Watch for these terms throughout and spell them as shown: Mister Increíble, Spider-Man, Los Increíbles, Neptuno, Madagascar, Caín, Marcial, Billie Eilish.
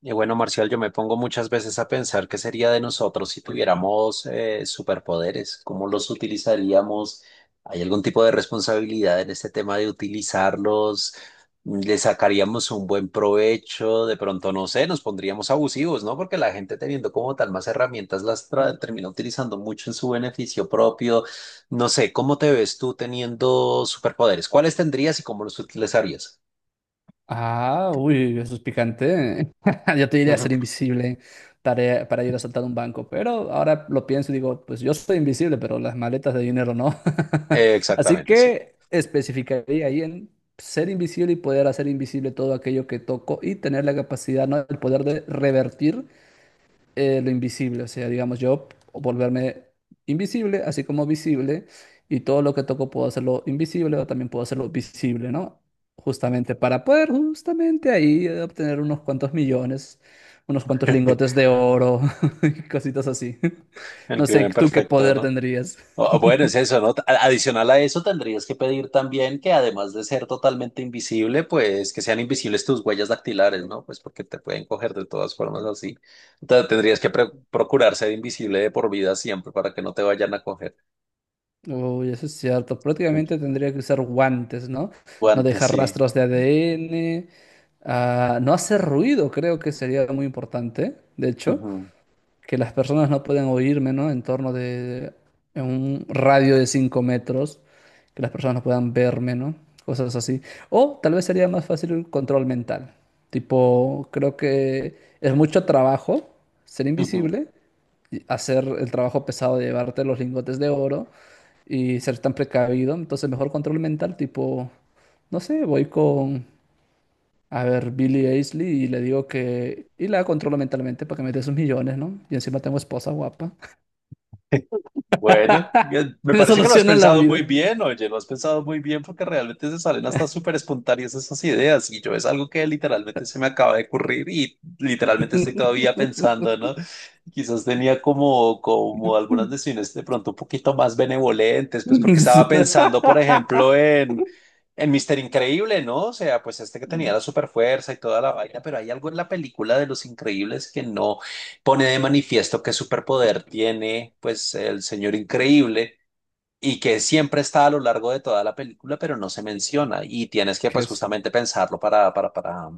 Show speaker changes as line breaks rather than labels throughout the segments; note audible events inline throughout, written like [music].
Y bueno, Marcial, yo me pongo muchas veces a pensar qué sería de nosotros si tuviéramos superpoderes, cómo los utilizaríamos. ¿Hay algún tipo de responsabilidad en este tema de utilizarlos? ¿Le sacaríamos un buen provecho? De pronto, no sé, nos pondríamos abusivos, ¿no? Porque la gente teniendo como tal más herramientas termina utilizando mucho en su beneficio propio. No sé, ¿cómo te ves tú teniendo superpoderes? ¿Cuáles tendrías y cómo los utilizarías?
Ah, uy, eso es picante. [laughs] Yo te
[laughs]
diría
Ujú.
ser invisible tarea para ir a saltar un banco, pero ahora lo pienso y digo, pues yo soy invisible, pero las maletas de dinero no. [laughs] Así
Exactamente, sí.
que especificaría ahí en ser invisible y poder hacer invisible todo aquello que toco y tener la capacidad, ¿no? El poder de revertir lo invisible, o sea, digamos, yo volverme invisible, así como visible, y todo lo que toco puedo hacerlo invisible o también puedo hacerlo visible, ¿no? Justamente para poder justamente ahí obtener unos cuantos millones, unos cuantos lingotes de oro [laughs] y cositas así. [laughs]
El
No sé,
crimen
¿tú qué
perfecto,
poder
¿no?
tendrías?
O bueno, es eso, ¿no? Adicional a eso, tendrías que pedir también que además de ser totalmente invisible, pues que sean invisibles tus huellas dactilares, ¿no? Pues porque te pueden coger de todas formas así. Entonces tendrías que procurar ser invisible de por vida siempre para que no te vayan a coger.
Uy, eso es cierto. Prácticamente tendría que usar guantes, ¿no? No
Guantes,
dejar
sí.
rastros de ADN. No hacer ruido, creo que sería muy importante, de hecho.
Ujú,
Que las personas no pueden oírme, ¿no? En torno de, en un radio de 5 metros, que las personas no puedan verme, ¿no? Cosas así. O tal vez sería más fácil el control mental. Tipo, creo que es mucho trabajo ser
ujú.
invisible, y hacer el trabajo pesado de llevarte los lingotes de oro y ser tan precavido. Entonces, mejor control mental, tipo, no sé, voy con, a ver, Billie Eilish y le digo que, y la controlo mentalmente para que me dé sus millones, ¿no? Y encima tengo esposa guapa.
[laughs] Bueno,
[laughs]
me parece que lo has
Resoluciona la
pensado
vida.
muy bien, oye, lo has pensado muy bien porque realmente se salen hasta súper espontáneas esas ideas y yo es algo que literalmente se me acaba de ocurrir y literalmente estoy todavía pensando,
[laughs]
¿no? Quizás tenía como algunas decisiones de pronto un poquito más benevolentes, pues porque estaba pensando, por ejemplo, en Mister Increíble, ¿no? O sea, pues este que tenía la super fuerza y toda la vaina, pero hay algo en la película de Los Increíbles que no pone de manifiesto qué superpoder tiene pues el señor increíble y que siempre está a lo largo de toda la película, pero no se menciona y tienes que
¿Qué
pues
es?
justamente pensarlo para, para, para,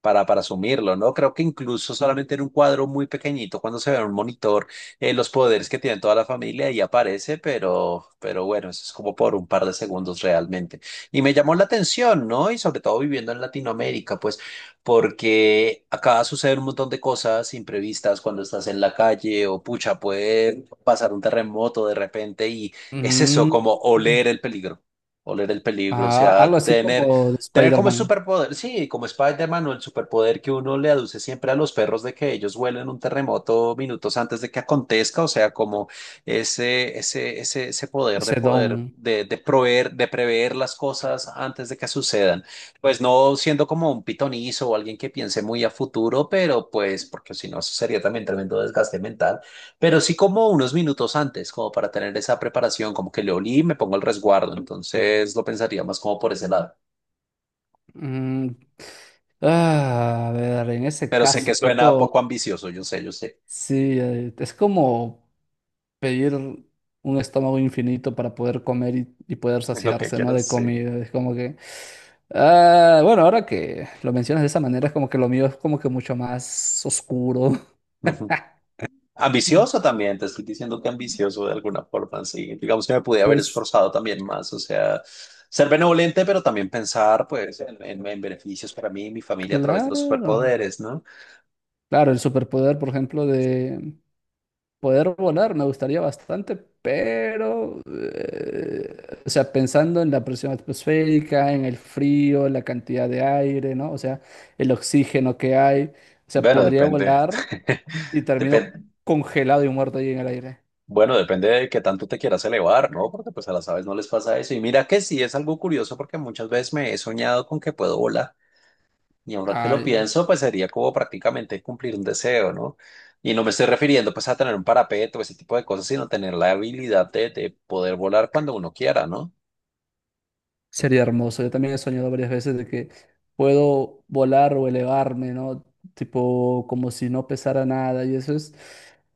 para, para asumirlo, ¿no? Creo que incluso solamente en un cuadro muy pequeñito, cuando se ve en un monitor, los poderes que tiene toda la familia y aparece, pero bueno, eso es como por un par de segundos realmente. Y me llamó la atención, ¿no? Y sobre todo viviendo en Latinoamérica, pues, porque acá suceden un montón de cosas imprevistas cuando estás en la calle o pucha, puede pasar un terremoto de repente y es eso,
Mm,
como oler el peligro. Oler el peligro, o sea,
algo así
tener.
como de
Tener como el
Spider-Man.
superpoder, sí, como Spider-Man o el superpoder que uno le aduce siempre a los perros de que ellos huelen un terremoto minutos antes de que acontezca, o sea, como ese poder de
Sedón.
poder, de proveer, de prever las cosas antes de que sucedan. Pues no siendo como un pitonizo o alguien que piense muy a futuro, pero pues, porque si no, eso sería también tremendo desgaste mental, pero sí como unos minutos antes, como para tener esa preparación, como que le olí y me pongo el resguardo, entonces lo pensaría más como por ese lado.
Mm, a ver, en ese
Pero sé que
caso,
suena poco
tipo,
ambicioso, yo sé, yo sé.
sí, es como pedir un estómago infinito para poder comer y poder
[laughs] Es lo que
saciarse, ¿no?
quieras,
De
sí.
comida. Es como que... Bueno, ahora que lo mencionas de esa manera, es como que lo mío es como que mucho más oscuro.
Ujú.
Mm,
Ambicioso también, te estoy diciendo que ambicioso de alguna forma, sí. Digamos que me pude haber
Pues
esforzado también más, o sea, ser benevolente, pero también pensar, pues, en beneficios para mí y mi familia a través de los
claro,
superpoderes, ¿no?
claro, el superpoder, por ejemplo, de poder volar me gustaría bastante, pero, o sea, pensando en la presión atmosférica, en el frío, la cantidad de aire, ¿no? O sea, el oxígeno que hay, o sea,
Bueno,
podría
depende. [laughs]
volar y termino
Depen-
congelado y muerto ahí en el aire.
bueno, depende de qué tanto te quieras elevar, ¿no? Porque pues a las aves no les pasa eso. Y mira que sí, es algo curioso porque muchas veces me he soñado con que puedo volar. Y ahora que lo
Ay.
pienso, pues sería como prácticamente cumplir un deseo, ¿no? Y no me estoy refiriendo pues a tener un parapeto, ese tipo de cosas, sino tener la habilidad de poder volar cuando uno quiera, ¿no?
Sería hermoso. Yo también he soñado varias veces de que puedo volar o elevarme, ¿no? Tipo, como si no pesara nada. Y eso es,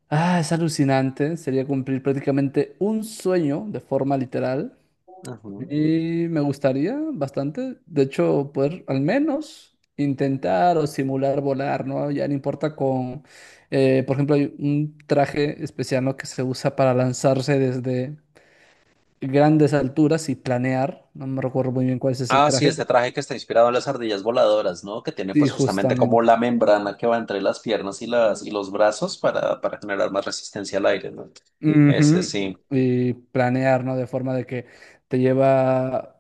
es alucinante. Sería cumplir prácticamente un sueño de forma literal.
Ujú.
Y me gustaría bastante, de hecho, poder al menos intentar o simular volar, ¿no? Ya no importa con, por ejemplo, hay un traje especial, ¿no? Que se usa para lanzarse desde grandes alturas y planear. No me recuerdo muy bien cuál es ese
Ah, sí,
traje,
este
pero
traje que está inspirado en las ardillas voladoras, ¿no? Que tiene
sí,
pues justamente como
justamente.
la membrana que va entre las piernas y los brazos para generar más resistencia al aire, ¿no? Ese sí.
Ujú, y planear, ¿no? De forma de que te lleva...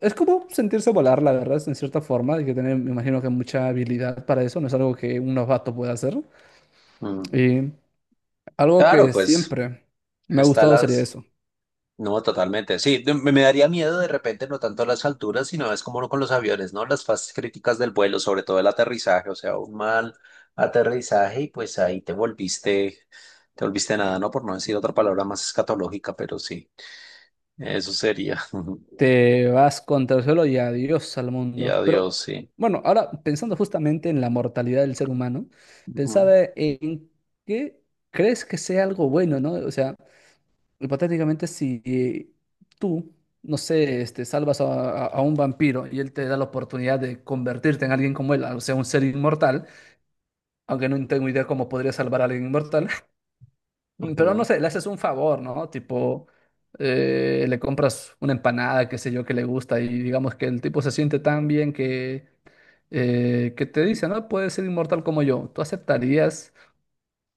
Es como sentirse volar, la verdad, en cierta forma. Hay que tener, me imagino que mucha habilidad para eso. No es algo que un novato pueda hacer.
Mm.
Y algo
Claro,
que
pues
siempre me ha
está
gustado sería
las...
eso.
No, totalmente. Sí, de- me daría miedo de repente, no tanto las alturas, sino es como con los aviones, ¿no? Las fases críticas del vuelo, sobre todo el aterrizaje, o sea, un mal aterrizaje y pues ahí te volviste nada, ¿no? Por no decir otra palabra más escatológica, pero sí, eso sería. [laughs]
Te vas contra el suelo y adiós al
Y
mundo.
adiós,
Pero
sí.
bueno, ahora pensando justamente en la mortalidad del ser humano,
Ujú,
pensaba en qué crees que sea algo bueno, ¿no? O sea, hipotéticamente si tú, no sé, este, salvas a, a un vampiro y él te da la oportunidad de convertirte en alguien como él, o sea, un ser inmortal, aunque no tengo idea cómo podría salvar a alguien inmortal. Pero no
ujú.
sé, le haces un favor, ¿no? Tipo, le compras una empanada, qué sé yo, que le gusta y digamos que el tipo se siente tan bien que te dice, no, puedes ser inmortal como yo. ¿Tú aceptarías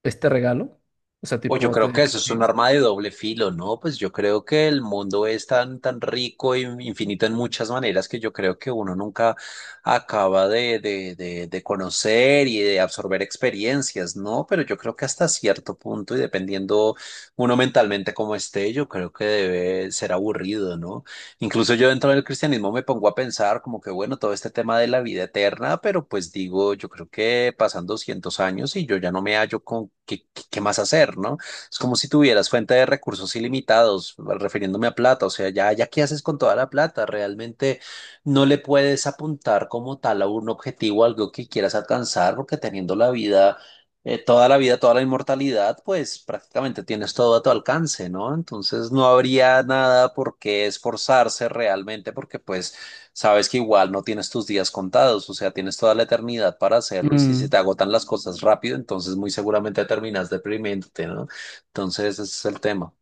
este regalo? O sea,
O yo
tipo, te
creo que eso es un
dejarías.
arma de doble filo, ¿no? Pues yo creo que el mundo es tan, tan rico e infinito en muchas maneras que yo creo que uno nunca acaba de conocer y de absorber experiencias, ¿no? Pero yo creo que hasta cierto punto y dependiendo uno mentalmente como esté, yo creo que debe ser aburrido, ¿no? Incluso yo dentro del cristianismo me pongo a pensar como que, bueno, todo este tema de la vida eterna, pero pues digo, yo creo que pasan 200 años y yo ya no me hallo con qué, qué más hacer, ¿no? Es como si tuvieras fuente de recursos ilimitados, refiriéndome a plata. O sea, ya qué haces con toda la plata. Realmente no le puedes apuntar como tal a un objetivo, algo que quieras alcanzar, porque teniendo la vida, toda la vida, toda la inmortalidad, pues prácticamente tienes todo a tu alcance, ¿no? Entonces no habría nada por qué esforzarse realmente, porque pues sabes que igual no tienes tus días contados, o sea, tienes toda la eternidad para hacerlo y si se
Mm,
te agotan las cosas rápido, entonces muy seguramente terminas deprimiéndote, ¿no? Entonces, ese es el tema.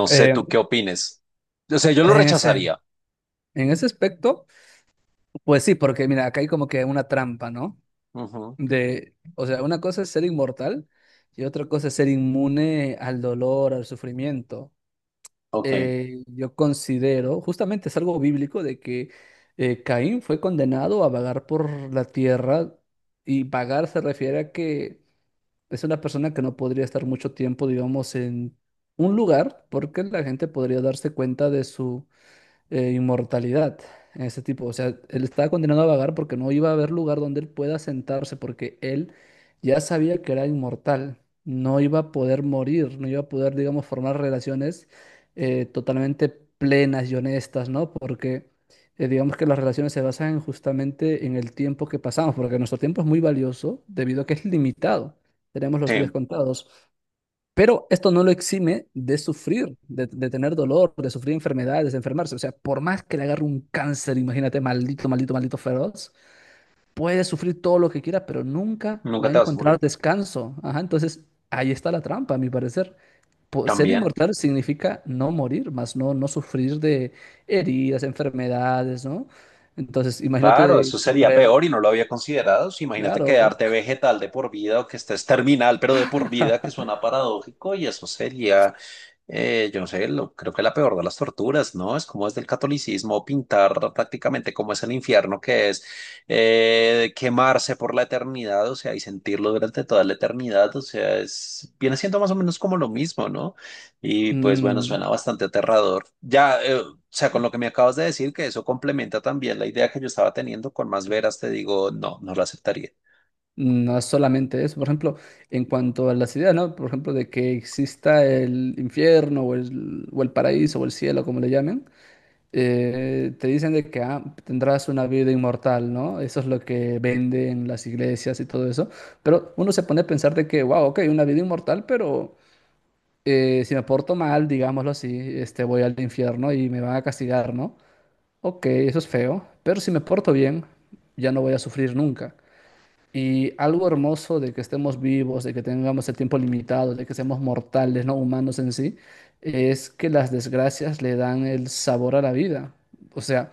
No sé
eh,
tú qué opines. O sea, yo lo
en ese,
rechazaría.
en ese aspecto, pues sí, porque mira, acá hay como que una trampa, ¿no?
Ujú.
De, o sea, una cosa es ser inmortal y otra cosa es ser inmune al dolor, al sufrimiento.
Ok.
Yo considero, justamente es algo bíblico de que Caín fue condenado a vagar por la tierra y vagar se refiere a que es una persona que no podría estar mucho tiempo, digamos, en un lugar porque la gente podría darse cuenta de su inmortalidad. Ese tipo, o sea, él estaba condenado a vagar porque no iba a haber lugar donde él pueda sentarse, porque él ya sabía que era inmortal, no iba a poder morir, no iba a poder, digamos, formar relaciones totalmente plenas y honestas, ¿no? Porque digamos que las relaciones se basan justamente en el tiempo que pasamos, porque nuestro tiempo es muy valioso debido a que es limitado, tenemos los días
Sí,
contados. Pero esto no lo exime de sufrir, de tener dolor, de sufrir enfermedades, de enfermarse. O sea, por más que le agarre un cáncer, imagínate, maldito, maldito, maldito feroz, puede sufrir todo lo que quiera, pero nunca
nunca
va a
te vas a
encontrar
morir.
descanso. Ajá, entonces, ahí está la trampa, a mi parecer. Ser
También.
inmortal significa no morir, más no, no sufrir de heridas, enfermedades, ¿no? Entonces,
Claro,
imagínate
eso sería
contraer,
peor y no lo había considerado. Sí, imagínate
claro,
quedarte vegetal de por vida o que estés terminal, pero de por vida, que suena paradójico, y eso sería. Yo no sé, lo- creo que la peor de las torturas, ¿no? Es como es del catolicismo pintar prácticamente como es el infierno, que es quemarse por la eternidad, o sea, y sentirlo durante toda la eternidad, o sea, es, viene siendo más o menos como lo mismo, ¿no? Y pues bueno,
mm,
suena bastante aterrador. Ya, o sea, con lo que me acabas de decir, que eso complementa también la idea que yo estaba teniendo con más veras, te digo, no, no la aceptaría.
no es solamente eso, por ejemplo, en cuanto a las ideas, ¿no? Por ejemplo, de que exista el infierno o el paraíso o el cielo, como le llamen, te dicen de que tendrás una vida inmortal, ¿no? Eso es lo que venden las iglesias y todo eso, pero uno se pone a pensar de que, wow, ok, una vida inmortal, pero si me porto mal, digámoslo así, este, voy al infierno y me van a castigar, ¿no? Ok, eso es feo, pero si me porto bien, ya no voy a sufrir nunca. Y algo hermoso de que estemos vivos, de que tengamos el tiempo limitado, de que seamos mortales, no humanos en sí, es que las desgracias le dan el sabor a la vida. O sea,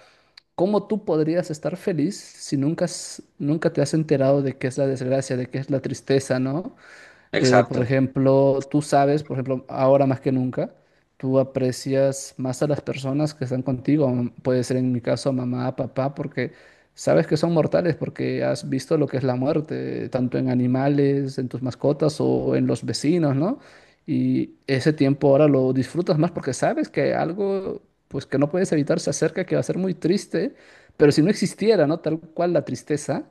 ¿cómo tú podrías estar feliz si nunca, nunca te has enterado de qué es la desgracia, de qué es la tristeza, ¿no? Por
Exacto.
ejemplo, tú sabes, por ejemplo, ahora más que nunca, tú aprecias más a las personas que están contigo, puede ser en mi caso mamá, papá, porque sabes que son mortales, porque has visto lo que es la muerte, tanto en animales, en tus mascotas o en los vecinos, ¿no? Y ese tiempo ahora lo disfrutas más porque sabes que algo, pues que no puedes evitar, se acerca, que va a ser muy triste, pero si no existiera, ¿no? Tal cual la tristeza.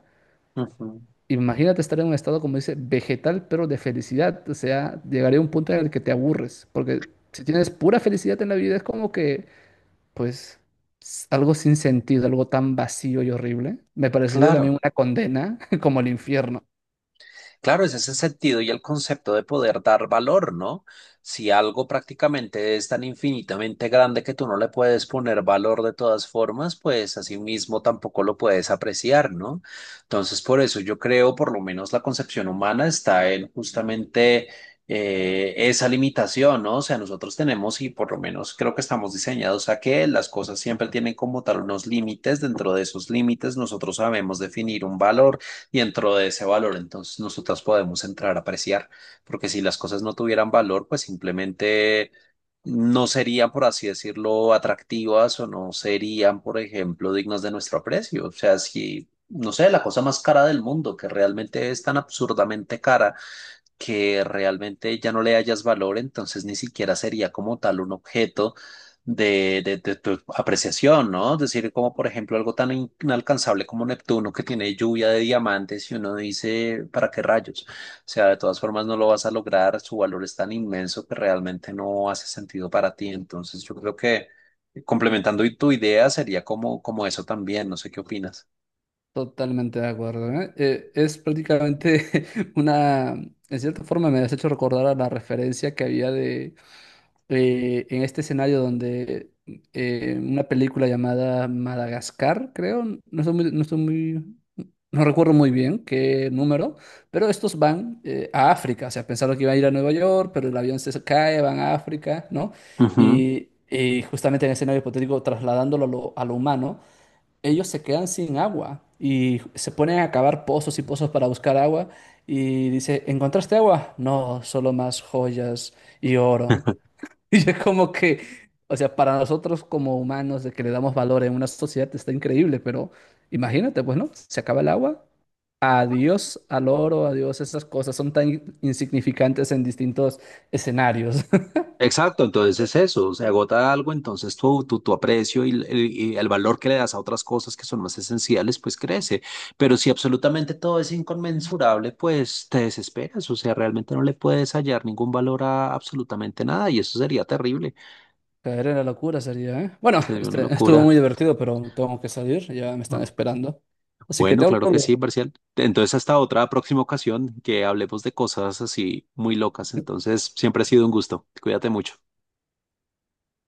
Ujú.
Imagínate estar en un estado, como dice, vegetal, pero de felicidad. O sea, llegaré a un punto en el que te aburres, porque si tienes pura felicidad en la vida, es como que, pues, algo sin sentido, algo tan vacío y horrible. Me parecería también
Claro.
una condena [laughs] como el infierno.
Claro, es ese sentido y el concepto de poder dar valor, ¿no? Si algo prácticamente es tan infinitamente grande que tú no le puedes poner valor de todas formas, pues así mismo tampoco lo puedes apreciar, ¿no? Entonces, por eso yo creo, por lo menos la concepción humana está en justamente esa limitación, ¿no? O sea, nosotros tenemos y por lo menos creo que estamos diseñados a que las cosas siempre tienen como tal unos límites, dentro de esos límites nosotros sabemos definir un valor y dentro de ese valor entonces nosotros podemos entrar a apreciar, porque si las cosas no tuvieran valor, pues simplemente no serían, por así decirlo, atractivas o no serían, por ejemplo, dignas de nuestro aprecio. O sea, si, no sé, la cosa más cara del mundo, que realmente es tan absurdamente cara que realmente ya no le hayas valor, entonces ni siquiera sería como tal un objeto de tu apreciación, ¿no? Es decir, como por ejemplo algo tan inalcanzable como Neptuno que tiene lluvia de diamantes y uno dice, ¿para qué rayos? O sea, de todas formas no lo vas a lograr, su valor es tan inmenso que realmente no hace sentido para ti. Entonces yo creo que complementando tu idea sería como, como eso también, no sé qué opinas.
Totalmente de acuerdo, ¿eh? Es prácticamente [laughs] una, en cierta forma me has hecho recordar a la referencia que había de, en este escenario donde una película llamada Madagascar, creo, no estoy muy, no estoy muy, no recuerdo muy bien qué número, pero estos van a África, o sea, pensaron que iban a ir a Nueva York, pero el avión se cae, van a África, ¿no?
Ujú.
Y justamente en el escenario hipotético, trasladándolo a lo humano ellos se quedan sin agua y se ponen a cavar pozos y pozos para buscar agua y dice, ¿encontraste agua? No, solo más joyas y oro. [laughs]
[laughs]
Y es como que, o sea, para nosotros como humanos de que le damos valor en una sociedad está increíble, pero imagínate, pues, ¿no? Se acaba el agua. Adiós al oro, adiós, esas cosas son tan insignificantes en distintos escenarios.
Exacto, entonces es eso, se agota algo, entonces tu aprecio el y el valor que le das a otras cosas que son más esenciales, pues crece. Pero si absolutamente todo es inconmensurable, pues te desesperas, o sea, realmente no le puedes hallar ningún valor a absolutamente nada y eso sería terrible,
Caer en la locura sería, ¿eh? Bueno,
sería una
este, estuvo
locura.
muy divertido, pero tengo que salir, ya me están
Ah,
esperando. Así que te
bueno, claro que
hablo.
sí, Marcial. Entonces hasta otra próxima ocasión que hablemos de cosas así muy locas. Entonces siempre ha sido un gusto. Cuídate mucho.